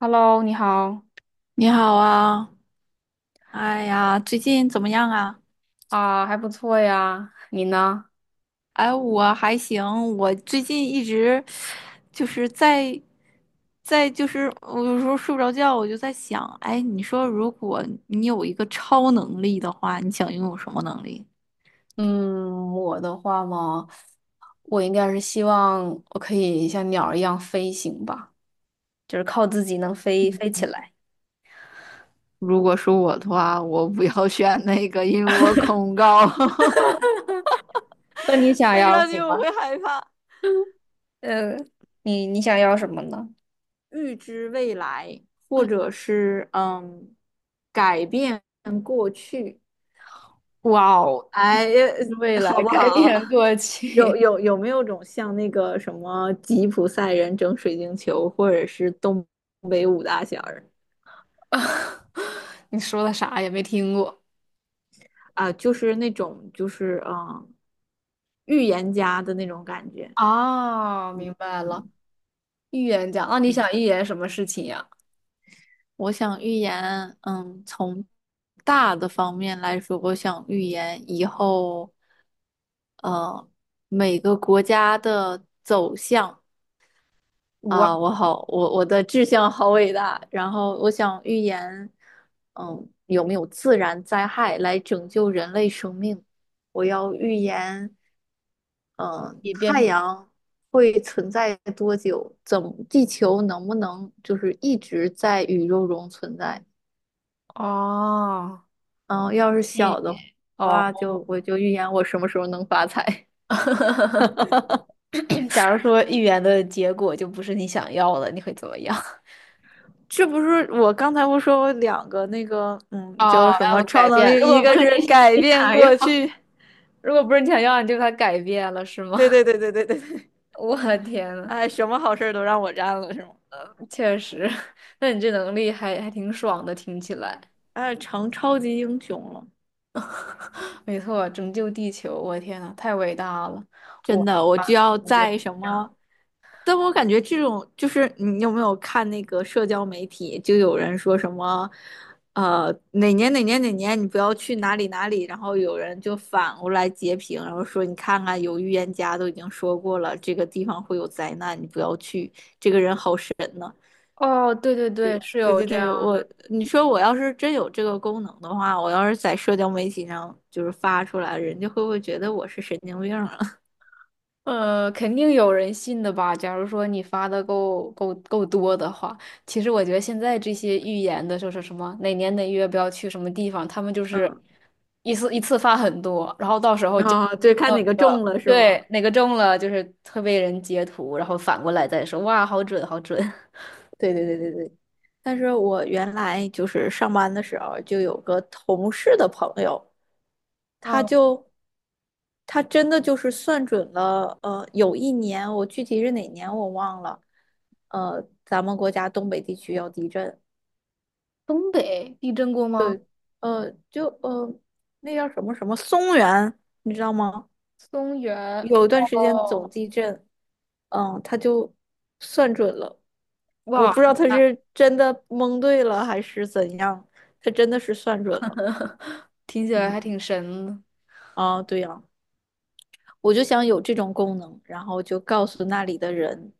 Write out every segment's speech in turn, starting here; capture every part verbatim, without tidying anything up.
Hello，你好你好啊，哎呀，最近怎么样啊？啊，还不错呀。你呢？哎，我还行，我最近一直就是在在就是我有时候睡不着觉，我就在想，哎，你说如果你有一个超能力的话，你想拥有什么能力？嗯，我的话嘛，我应该是希望我可以像鸟儿一样飞行吧，就是靠自己能飞飞嗯，起来。如果是我的话，我不要选那个，因为我恐高，那你想飞要 上去我会害怕。呃，你你想要什么呢？预知未来，或者是嗯，改变过去。哇哦，哎，未呃来好不改好？变过有去，有有没有种像那个什么吉普赛人整水晶球，或者是东北五大仙儿 你说的啥也没听过啊，就是那种就是嗯，预言家的那种感觉。啊？明白了，嗯预言家。那你嗯，想预言什么事情呀？我想预言，嗯，从大的方面来说，我想预言以后，呃，每个国家的走向。我啊，我好，我我的志向好伟大。然后我想预言，嗯，有没有自然灾害来拯救人类生命？我要预言，嗯，也变太成阳会存在多久？怎么，地球能不能就是一直在宇宙中存在？哦。嗯，要是小的哦，话，就我就预言我什么时候能发财。假如说预言的结果就不是你想要的，你会怎么样？这不是我刚才不说我两个那个，嗯，哦，叫什要么不超改能变？力？如一果不个是你 是 改你变想要，过 去，如果不是你想要，你就把它改变了，是吗？对对对对对对对，我的天呐，哎，什么好事儿都让我占了是吗？确实，那你这能力还还挺爽的，听起来。哎，成超级英雄了。没错，拯救地球，我的天呐，太伟大了！我真的的，我话，就要我就在什这样。么？但我感觉这种就是你有没有看那个社交媒体，就有人说什么，呃，哪年哪年哪年你不要去哪里哪里，然后有人就反过来截屏，然后说你看看有预言家都已经说过了，这个地方会有灾难，你不要去，这个人好神呢。哦，对对对，是对有对这对，样我你说我要是真有这个功能的话，我要是在社交媒体上就是发出来，人家会不会觉得我是神经病了？呃，肯定有人信的吧？假如说你发的够够够多的话，其实我觉得现在这些预言的，就是什么哪年哪月不要去什么地方，他们就是 一次一次发很多，然后到时 候就啊，对，看有哪一个个中了是吗？对哪个中了，就是会被人截图，然后反过来再说，哇，好准，好准。对对对对对，但是我原来就是上班的时候就有个同事的朋友，他嗯，就他真的就是算准了，呃，有一年我具体是哪年我忘了，呃，咱们国家东北地区要地震，东北地震过吗？呃，就呃那叫什么什么松原，你知道吗？松原有一段时间总哦，地震，嗯，他就算准了，我哇，不知道他是真的蒙对了还是怎样，他真的是算准了，听起来还嗯，挺神的。啊，对呀，我就想有这种功能，然后就告诉那里的人，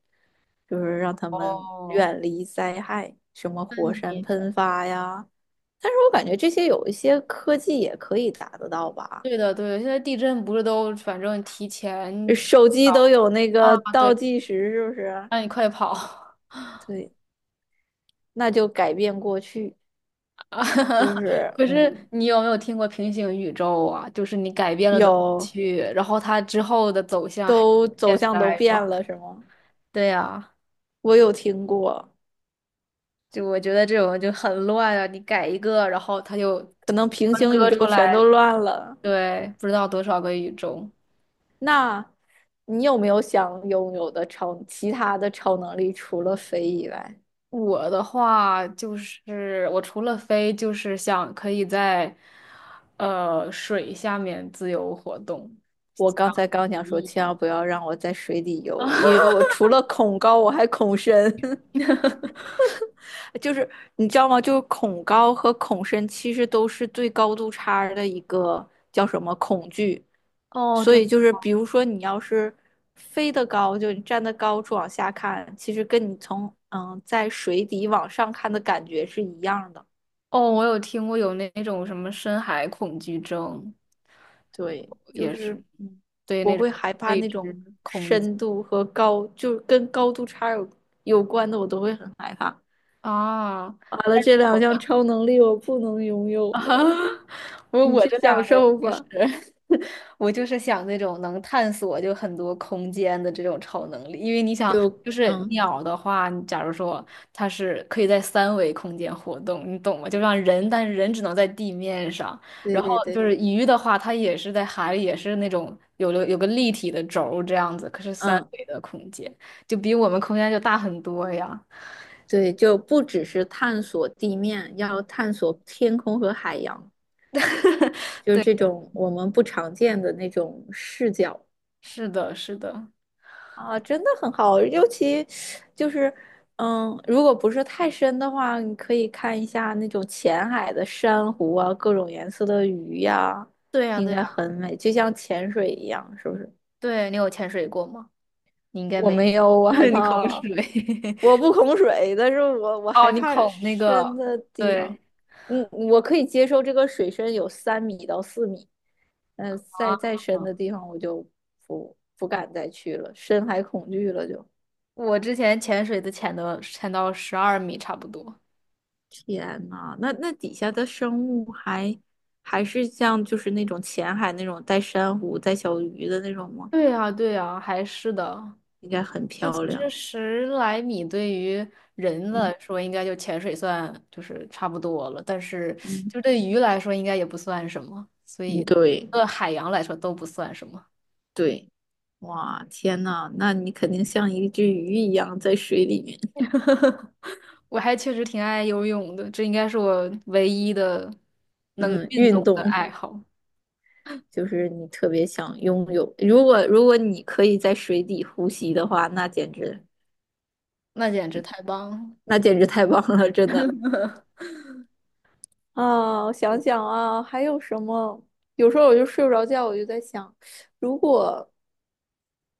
就是让他们哦，远离灾害，什么那火山你？喷发呀，但是我感觉这些有一些科技也可以达得到吧，对的，对的，现在地震不是都反正提前手机都有那啊，个倒对，计时，是不是？让你快跑 对。那就改变过去，啊！就是可是嗯，你有没有听过平行宇宙啊？就是你改变了的过有去，然后它之后的走向还是都走现向都在吗？变了，是吗？对呀，我有听过，就我觉得这种就很乱啊！你改一个，然后它就可能平分行宇割出宙全都来，乱了。对，不知道多少个宇宙。那你有没有想拥有的超其他的超能力，除了飞以外？我的话就是，我除了飞，就是想可以在呃水下面自由活动。我刚才刚想说，千万不要让我在水里 啊，游，因为我除了恐高，我还恐深。就是你知道吗？就是恐高和恐深其实都是对高度差的一个叫什么恐惧。哦，所这以就是，比如说你要是飞得高，就你站得高处往下看，其实跟你从嗯在水底往上看的感觉是一样的。哦，我有听过有那种什么深海恐惧症，对，就也是是嗯，对我那种会害怕未那知种恐惧深度和高，就是跟高度差有有关的，我都会很害怕。啊。完了，这两项超能力我不能拥有啊，了，我你我去这两享个受就是 吧。我就是想那种能探索就很多空间的这种超能力，因为你想，就就是嗯，鸟的话，你假如说它是可以在三维空间活动，你懂吗？就让人，但是人只能在地面上，对然后对就对，是鱼的话，它也是在海里，也是那种有了有个立体的轴这样子，可是三嗯。维的空间就比我们空间就大很多呀。对，就不只是探索地面，要探索天空和海洋。就是对，这种我们不常见的那种视角。是的，是的，啊，真的很好，尤其就是，嗯，如果不是太深的话，你可以看一下那种浅海的珊瑚啊，各种颜色的鱼呀、对呀，应对该呀，很美，就像潜水一样，是不是？对，你有潜水过吗？你应该我没。没有，我害 你恐怕。水 我 不恐水，但是我我哦，害你怕恐那深个的地方。对嗯，我可以接受这个水深有三米到四米，嗯，再啊，再深的地方我就不不敢再去了，深海恐惧了就。我之前潜水的潜的潜到十二米差不多。天呐，那那底下的生物还还是像就是那种浅海那种带珊瑚、带小鱼的那种吗？对呀，对呀，还是的。应该很就其漂实亮。十来米对于人嗯来说，应该就潜水算就是差不多了，但是嗯，就对鱼来说，应该也不算什么，所嗯，以对对海洋来说都不算什么。对，哇，天呐，那你肯定像一只鱼一样在水里面。我还确实挺爱游泳的，这应该是我唯一的能嗯，运运动的动爱好。就是你特别想拥有。如果如果你可以在水底呼吸的话，那简直那简直太棒了！那简直太棒了，真的。啊，我想想啊，还有什么？有时候我就睡不着觉，我就在想，如果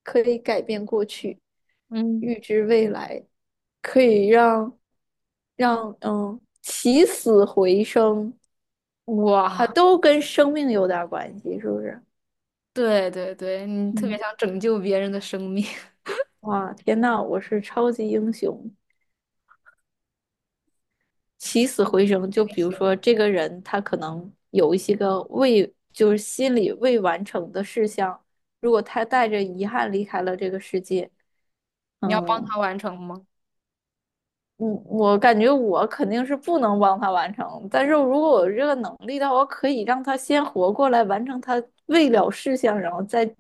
可以改变过去，嗯，预知未来，可以让让嗯起死回生啊，哇，都跟生命有点儿关系，是不是？对对对，你特别嗯，想拯救别人的生命，哇，天呐，我是超级英雄。起死回生，就 英比如雄，说这个人他可能有一些个未，就是心里未完成的事项，如果他带着遗憾离开了这个世界，你要帮嗯他完成吗？我我感觉我肯定是不能帮他完成，但是如果我有这个能力的话，我可以让他先活过来，完成他未了事项，然后再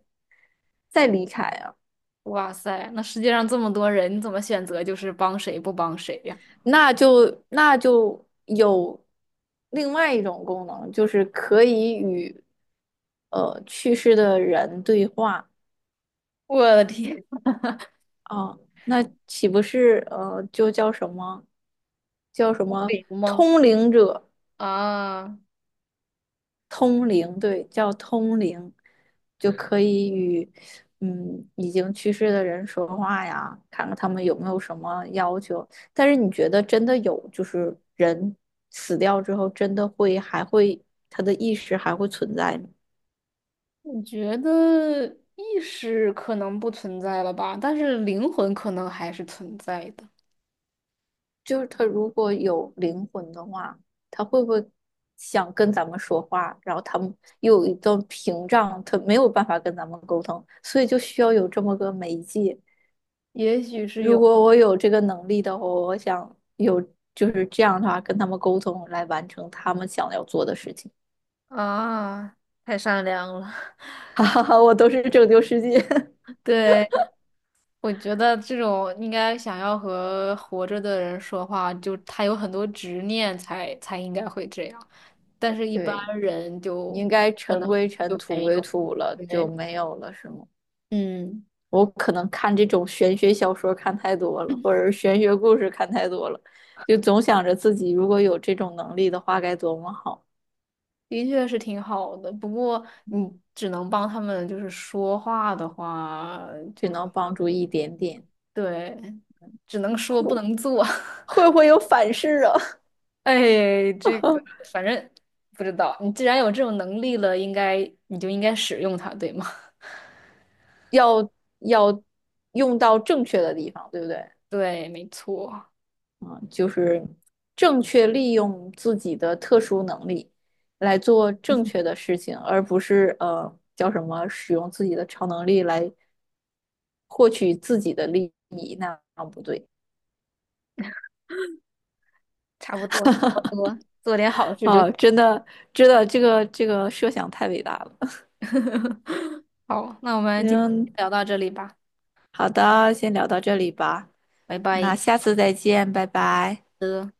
再离开啊，哇塞，那世界上这么多人，你怎么选择就是帮谁不帮谁呀？那就那就有另外一种功能，就是可以与。呃去世的人对话我的天，啊，那岂不是呃就叫什么叫什通么灵吗？通灵者？啊，通灵，对，叫通灵，就可以与嗯已经去世的人说话呀，看看他们有没有什么要求。但是你觉得真的有，就是人死掉之后，真的会还会他的意识还会存在吗？我觉得意识可能不存在了吧，但是灵魂可能还是存在的，就是他如果有灵魂的话，他会不会想跟咱们说话？然后他们又有一段屏障，他没有办法跟咱们沟通，所以就需要有这么个媒介。也许是有如果我有这个能力的话，我想有就是这样的话跟他们沟通，来完成他们想要做的事情。的啊，太善良了，哈哈哈，我都是拯救世界。对。我觉得这种应该想要和活着的人说话，就他有很多执念才才应该会这样，但是 一般对，人就应该可尘能归尘，就土没归有。土了，就对，没有了，是吗？嗯，我可能看这种玄学小说看太多了，或者是玄学故事看太多了，就总想着自己如果有这种能力的话该多么好，的确是挺好的，不过你只能帮他们就是说话的话，就就能好帮像助一点点。对，只能说不会能做。会不会有反噬啊？哎，这个 反正不知道，你既然有这种能力了，应该你就应该使用它，对吗？要要用到正确的地方，对不对？对，没错。嗯，就是正确利用自己的特殊能力来做正确的事情，而不是呃叫什么使用自己的超能力来获取自己的利益，那样不对。差不多，差不多，做点好事就行。哦，真的，真的，这个这个设想太伟大了。好，那我们今天嗯，聊到这里吧，好的，先聊到这里吧，拜那拜下次再见，拜拜。的。